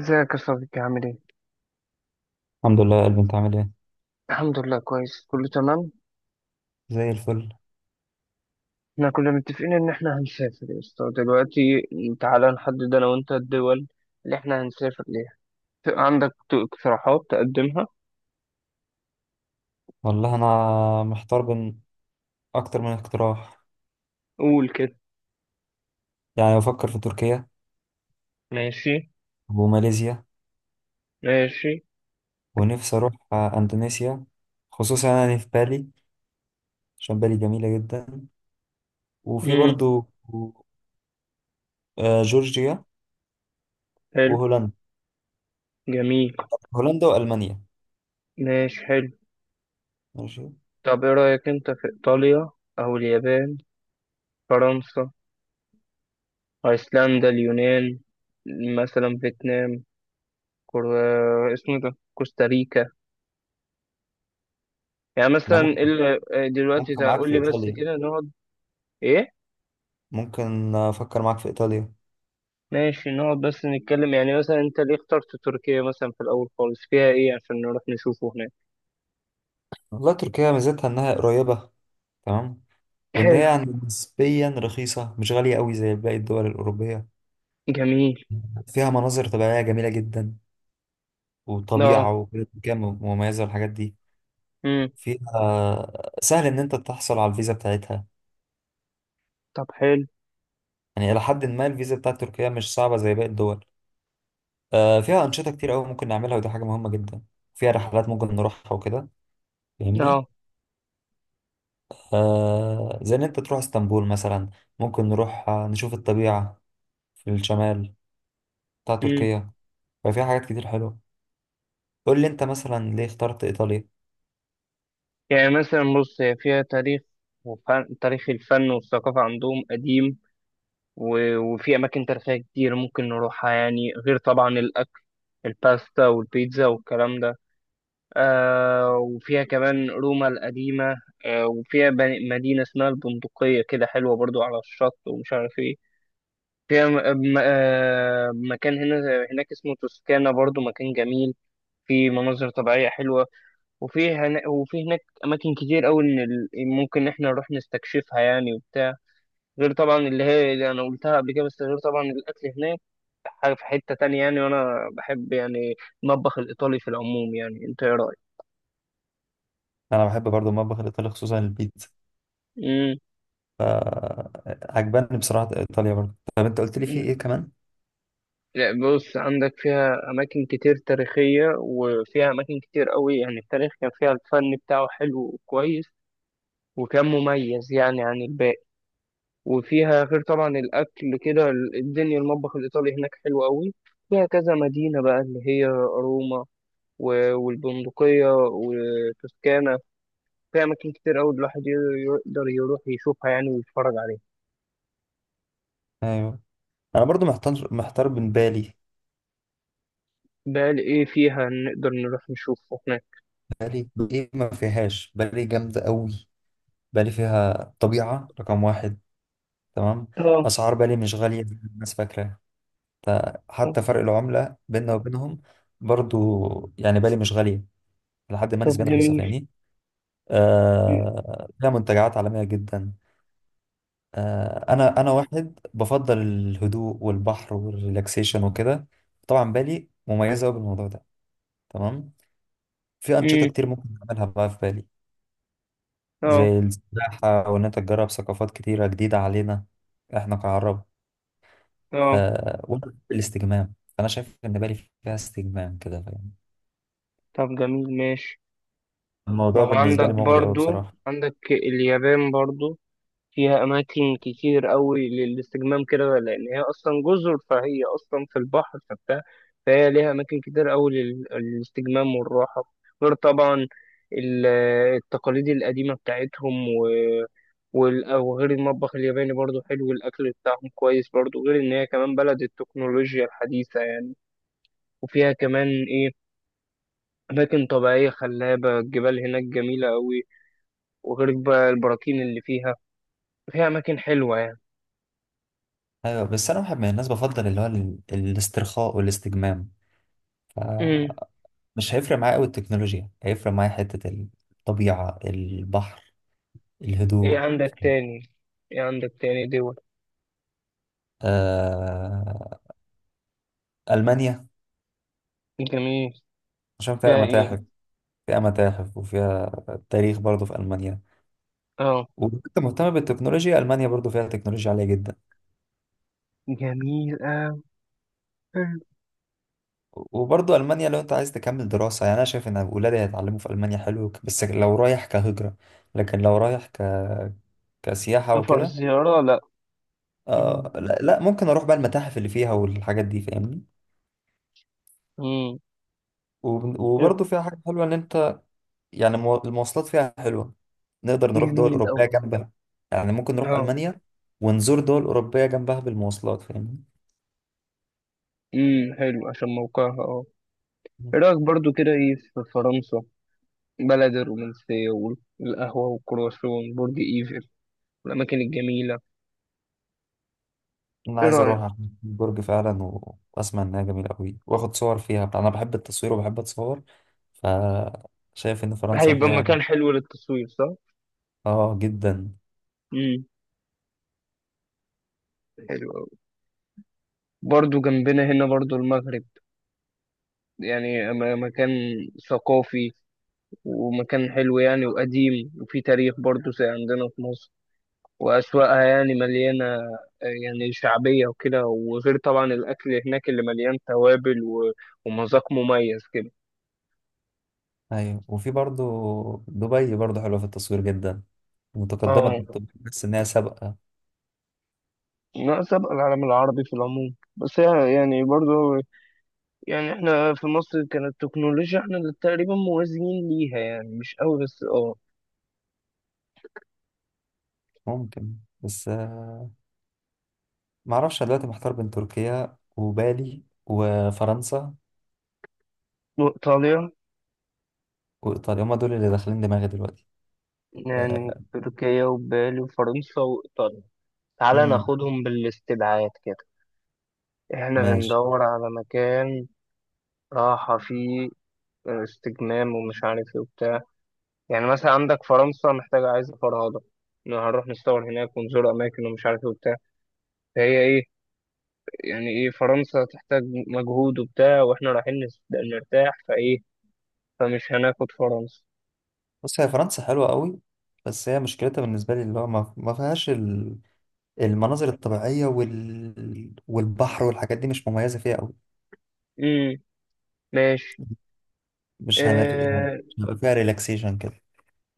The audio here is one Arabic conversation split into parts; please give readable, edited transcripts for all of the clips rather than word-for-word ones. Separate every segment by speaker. Speaker 1: ازيك يا صديقي عامل ايه؟
Speaker 2: الحمد لله يا قلبي، انت عامل ايه؟
Speaker 1: الحمد لله كويس كله تمام.
Speaker 2: زي الفل.
Speaker 1: احنا كنا متفقين ان احنا هنسافر يا اسطى دلوقتي. تعالى نحدد انا وانت الدول اللي احنا هنسافر ليها. عندك اقتراحات تقدمها؟
Speaker 2: والله انا محتار بين اكتر من اقتراح.
Speaker 1: قول كده.
Speaker 2: يعني بفكر في تركيا
Speaker 1: ماشي.
Speaker 2: وماليزيا،
Speaker 1: ماشي.
Speaker 2: ونفسي اروح اندونيسيا. خصوصا يعني في بالي، عشان بالي جميلة جدا. وفي
Speaker 1: امم.
Speaker 2: برضو جورجيا
Speaker 1: حلو.
Speaker 2: وهولندا.
Speaker 1: جميل.
Speaker 2: هولندا والمانيا.
Speaker 1: ماشي. حلو.
Speaker 2: ماشي.
Speaker 1: طب ايه رأيك انت في ايطاليا او اليابان، فرنسا، ايسلندا، اليونان، مثلا فيتنام، كور... اسمه ده كوستاريكا، يعني
Speaker 2: انا
Speaker 1: مثلا
Speaker 2: ممكن
Speaker 1: دلوقتي
Speaker 2: معاك
Speaker 1: تقول
Speaker 2: في
Speaker 1: لي بس
Speaker 2: ايطاليا.
Speaker 1: كده نقعد. ايه.
Speaker 2: ممكن افكر معاك في ايطاليا.
Speaker 1: ماشي، نقعد بس نتكلم يعني مثلا انت ليه اخترت تركيا مثلا في الاول خالص، فيها ايه يعني عشان نروح نشوفه هناك؟
Speaker 2: والله تركيا ميزتها انها قريبة. تمام. وان هي
Speaker 1: حلو.
Speaker 2: يعني نسبيا رخيصة، مش غالية قوي زي باقي الدول الأوروبية.
Speaker 1: جميل.
Speaker 2: فيها مناظر طبيعية جميلة جدا،
Speaker 1: اه.
Speaker 2: وطبيعة وبلد كام مميزة والحاجات دي.
Speaker 1: امم.
Speaker 2: فيها سهل إن أنت تحصل على الفيزا بتاعتها.
Speaker 1: طب حلو.
Speaker 2: يعني إلى حد ما الفيزا بتاعت تركيا مش صعبة زي باقي الدول. فيها أنشطة كتير أوي ممكن نعملها، ودي حاجة مهمة جدا. فيها رحلات ممكن نروحها وكده، فاهمني؟
Speaker 1: اه.
Speaker 2: زي إن أنت تروح اسطنبول مثلا. ممكن نروح نشوف الطبيعة في الشمال بتاع
Speaker 1: امم.
Speaker 2: تركيا. ففيها حاجات كتير حلوة. قول لي أنت مثلا ليه اخترت إيطاليا.
Speaker 1: يعني مثلا بص، هي فيها تاريخ وفن، تاريخ الفن والثقافة عندهم قديم. وفي أماكن تاريخية كتير ممكن نروحها يعني، غير طبعا الأكل، الباستا والبيتزا والكلام ده. وفيها كمان روما القديمة. وفيها مدينة اسمها البندقية، كده حلوة برضو على الشط، ومش عارف ايه. فيها مكان هنا هناك اسمه توسكانا، برضو مكان جميل. في مناظر طبيعية حلوة. وفي هنا وفي هناك أماكن كتير أوي إن ممكن إحنا نروح نستكشفها يعني وبتاع. غير طبعا اللي هي اللي أنا قلتها قبل كده، بس غير طبعا الأكل هناك حاجة في حتة تانية يعني. وأنا بحب يعني المطبخ الإيطالي في العموم. يعني أنت إيه رأيك؟
Speaker 2: أنا بحب برضو المطبخ الإيطالي، خصوصا البيتزا. فعجباني بصراحة إيطاليا برضه. طب أنت قلت لي في
Speaker 1: مم.
Speaker 2: إيه كمان؟
Speaker 1: لا، بص عندك فيها أماكن كتير تاريخية، وفيها أماكن كتير قوي. يعني التاريخ كان فيها، الفن بتاعه حلو وكويس، وكان مميز يعني عن الباقي. وفيها غير طبعا الأكل كده، الدنيا المطبخ الإيطالي هناك حلو قوي. فيها كذا مدينة بقى، اللي هي روما والبندقية وتوسكانا. فيها أماكن كتير قوي الواحد يقدر يروح يشوفها يعني ويتفرج عليها.
Speaker 2: أيوه. أنا برضه محتار بين بالي.
Speaker 1: بقى إيه فيها نقدر نروح نشوفه هناك؟
Speaker 2: بالي إيه ما فيهاش؟ بالي جامدة أوي. بالي فيها طبيعة رقم واحد. تمام.
Speaker 1: اه.
Speaker 2: أسعار بالي مش غالية زي ما الناس فاكرة. ف- حتى فرق العملة بيننا وبينهم برضه، يعني بالي مش غالية. لحد ما
Speaker 1: طب
Speaker 2: نسبيا رخيصة،
Speaker 1: جميل.
Speaker 2: فاهمني؟ آه، فيها منتجعات عالمية جدا. انا واحد بفضل الهدوء والبحر والريلاكسيشن وكده. طبعا بالي مميزه قوي بالموضوع ده. تمام. في انشطه
Speaker 1: مم.
Speaker 2: كتير ممكن نعملها بقى في بالي.
Speaker 1: اه.
Speaker 2: زي السباحه، او ان انت تجرب ثقافات كتيره جديده علينا احنا كعرب.
Speaker 1: اه.
Speaker 2: آه، وأنا الاستجمام. انا شايف ان بالي فيها استجمام كده، فاهم؟
Speaker 1: طب جميل ماشي. ما
Speaker 2: الموضوع
Speaker 1: هو
Speaker 2: بالنسبه
Speaker 1: عندك
Speaker 2: لي مغري قوي
Speaker 1: برضو،
Speaker 2: بصراحه.
Speaker 1: عندك اليابان برضو فيها أماكن كتير قوي للاستجمام كده، لأن هي أصلا جزر، فهي أصلا في البحر فبتاع. فهي ليها أماكن كتير قوي للاستجمام والراحة، غير طبعا ال- التقاليد القديمة بتاعتهم وغير المطبخ الياباني برضو حلو، والأكل بتاعهم كويس برضو، غير إن هي كمان بلد التكنولوجيا الحديثة يعني. وفيها كمان إيه، أماكن طبيعية خلابة، الجبال هناك جميلة أوي، وغير بقى البراكين اللي فيها. فيها أماكن حلوة يعني.
Speaker 2: ايوه. بس انا واحد من الناس بفضل اللي هو الاسترخاء والاستجمام.
Speaker 1: امم.
Speaker 2: فمش هيفرق معايا قوي التكنولوجيا، هيفرق معايا حته الطبيعه، البحر،
Speaker 1: إيه
Speaker 2: الهدوء.
Speaker 1: عندك تاني إيه عندك تاني دول؟
Speaker 2: آه... ألمانيا،
Speaker 1: جميل.
Speaker 2: عشان فيها
Speaker 1: فيها
Speaker 2: متاحف.
Speaker 1: إيه؟
Speaker 2: فيها متاحف وفيها تاريخ برضو في ألمانيا.
Speaker 1: آه.
Speaker 2: وأنت مهتم بالتكنولوجيا، ألمانيا برضو فيها تكنولوجيا عالية جدا.
Speaker 1: جميل أوي.
Speaker 2: وبرضو ألمانيا لو أنت عايز تكمل دراسة يعني، أنا شايف إن ولادي هيتعلموا في ألمانيا حلو، بس لو رايح كهجرة. لكن لو رايح كسياحة
Speaker 1: سفر
Speaker 2: وكده.
Speaker 1: زيارة لأ. مم.
Speaker 2: لا، ممكن أروح بقى المتاحف اللي فيها والحاجات دي، فاهمني؟
Speaker 1: مم.
Speaker 2: وبرضو فيها حاجة حلوة إن أنت يعني المواصلات فيها حلوة. نقدر نروح دول
Speaker 1: جميل
Speaker 2: أوروبية
Speaker 1: أوي.
Speaker 2: جنبها. يعني ممكن نروح
Speaker 1: آه.
Speaker 2: ألمانيا ونزور دول أوروبية جنبها بالمواصلات، فاهمني؟
Speaker 1: امم. حلو عشان موقعها إيه رأيك برضو كده إيه في فرنسا؟ بلد الرومانسية والقهوة والكرواسون، برج إيفل والأماكن الجميلة.
Speaker 2: أنا
Speaker 1: إيه
Speaker 2: عايز
Speaker 1: رأيك؟
Speaker 2: أروح عشان برج فعلا، وأسمع إنها جميلة أوي وآخد صور فيها. أنا بحب التصوير وبحب أتصور. فشايف إن فرنسا
Speaker 1: هيبقى
Speaker 2: فيها.
Speaker 1: مكان حلو للتصوير، صح؟
Speaker 2: آه، جدا.
Speaker 1: امم. حلو أوي. برضو جنبنا هنا برضو المغرب، يعني مكان ثقافي، ومكان حلو يعني، وقديم وفي تاريخ برضو زي عندنا في مصر، وأسواقها يعني مليانة يعني شعبية وكده. وغير طبعا الأكل هناك اللي مليان توابل ومذاق مميز كده.
Speaker 2: أيوة، وفي برضو دبي برضو حلوة في التصوير جدا. متقدمة.
Speaker 1: اه.
Speaker 2: بس إنها سابقة.
Speaker 1: ناقص أبقى العالم العربي في العموم، بس هي يعني برضو، يعني احنا في مصر كانت التكنولوجيا احنا اللي تقريبا موازيين ليها، يعني مش قوي بس اه.
Speaker 2: ممكن. بس معرفش. أنا دلوقتي محتار بين تركيا وبالي وفرنسا
Speaker 1: وايطاليا.
Speaker 2: وإيطاليا. هما دول اللي داخلين دماغي دلوقتي.
Speaker 1: يعني
Speaker 2: آه.
Speaker 1: تركيا وبالي وفرنسا وايطاليا. تعالى
Speaker 2: امم.
Speaker 1: ناخدهم بالاستبعاد كده. احنا
Speaker 2: ماشي.
Speaker 1: بندور على مكان راحة فيه، استجمام ومش عارف ايه وبتاع. يعني مثلا عندك فرنسا محتاجة عايزة فرهضة، إن هنروح نصور هناك ونزور أماكن ومش عارف ايه وبتاع. فهي ايه، يعني ايه، فرنسا تحتاج مجهود وبتاع، واحنا رايحين نرتاح فايه. فمش هناخد فرنسا.
Speaker 2: بص هي فرنسا حلوة قوي. بس هي مشكلتها بالنسبة لي اللي هو ما فيهاش المناظر الطبيعية والبحر والحاجات دي، مش مميزة فيها قوي.
Speaker 1: امم. ماشي.
Speaker 2: مش هنر... يعني
Speaker 1: اه.
Speaker 2: مش هيبقى فيها ريلاكسيشن كده.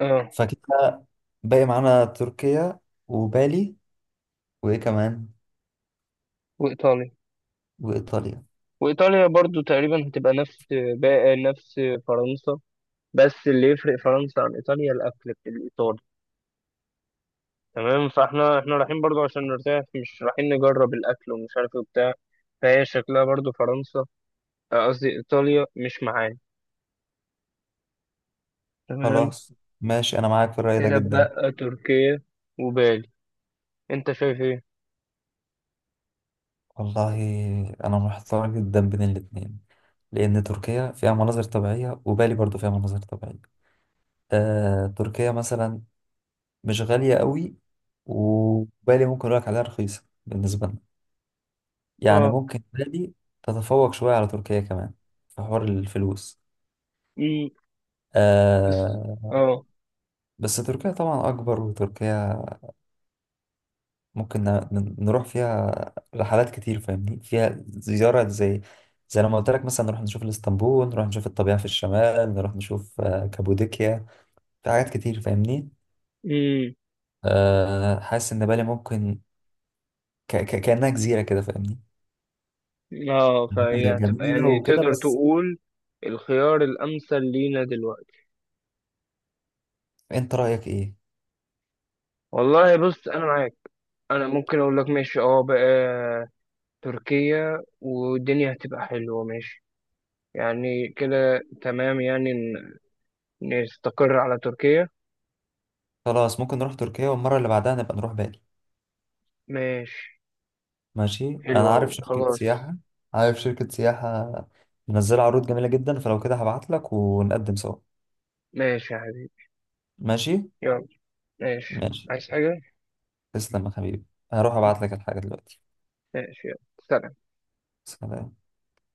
Speaker 1: اه.
Speaker 2: فكده باقي معانا تركيا وبالي، وإيه كمان؟
Speaker 1: وايطاليا.
Speaker 2: وإيطاليا.
Speaker 1: وايطاليا برضو تقريبا هتبقى نفس، بقى نفس فرنسا. بس اللي يفرق فرنسا عن ايطاليا الاكل الايطالي. تمام، فاحنا رايحين برضو عشان نرتاح، مش رايحين نجرب الاكل ومش عارف ايه وبتاع. فهي شكلها برضو فرنسا، قصدي ايطاليا مش معانا. تمام.
Speaker 2: خلاص. ماشي، أنا معاك في الرأي ده
Speaker 1: كده
Speaker 2: جدا.
Speaker 1: بقى تركيا وبالي، انت شايف ايه؟
Speaker 2: والله أنا محتار جدا بين الاتنين، لأن تركيا فيها مناظر طبيعية وبالي برضو فيها مناظر طبيعية. تركيا مثلا مش غالية قوي. وبالي ممكن أقولك عليها رخيصة بالنسبة لنا. يعني
Speaker 1: اه.
Speaker 2: ممكن بالي تتفوق شوية على تركيا كمان في حوار الفلوس.
Speaker 1: امم. بس-
Speaker 2: آه.
Speaker 1: اه.
Speaker 2: بس تركيا طبعا أكبر، وتركيا ممكن نروح فيها رحلات كتير، فاهمني؟ فيها زيارة، زي لما قلت لك مثلا نروح نشوف الاسطنبول، نروح نشوف الطبيعة في الشمال، نروح نشوف كابوديكيا. في حاجات كتير، فاهمني؟ حاسس إن بالي ممكن ك ك كأنها جزيرة كده، فاهمني؟
Speaker 1: اه.
Speaker 2: هي
Speaker 1: فهي هتبقى
Speaker 2: جميلة
Speaker 1: يعني
Speaker 2: وكده
Speaker 1: تقدر
Speaker 2: بس.
Speaker 1: تقول الخيار الأمثل لينا دلوقتي.
Speaker 2: أنت رأيك إيه؟
Speaker 1: والله بص أنا معاك. أنا ممكن أقول لك ماشي، اه بقى تركيا والدنيا هتبقى حلوة ماشي. يعني كده تمام يعني نستقر على تركيا.
Speaker 2: خلاص، ممكن نروح تركيا، والمرة اللي بعدها نبقى نروح بالي.
Speaker 1: ماشي.
Speaker 2: ماشي. أنا
Speaker 1: حلوة أوي
Speaker 2: عارف شركة
Speaker 1: خلاص.
Speaker 2: سياحة. عارف شركة سياحة منزلة عروض جميلة جدا، فلو كده هبعت لك ونقدم سوا.
Speaker 1: ماشي يا حبيبي.
Speaker 2: ماشي؟
Speaker 1: يلا. ماشي،
Speaker 2: ماشي.
Speaker 1: عايز حاجة؟
Speaker 2: تسلم يا حبيبي. هروح ابعت لك الحاجة دلوقتي.
Speaker 1: ماشي يلا. سلام.
Speaker 2: سلام.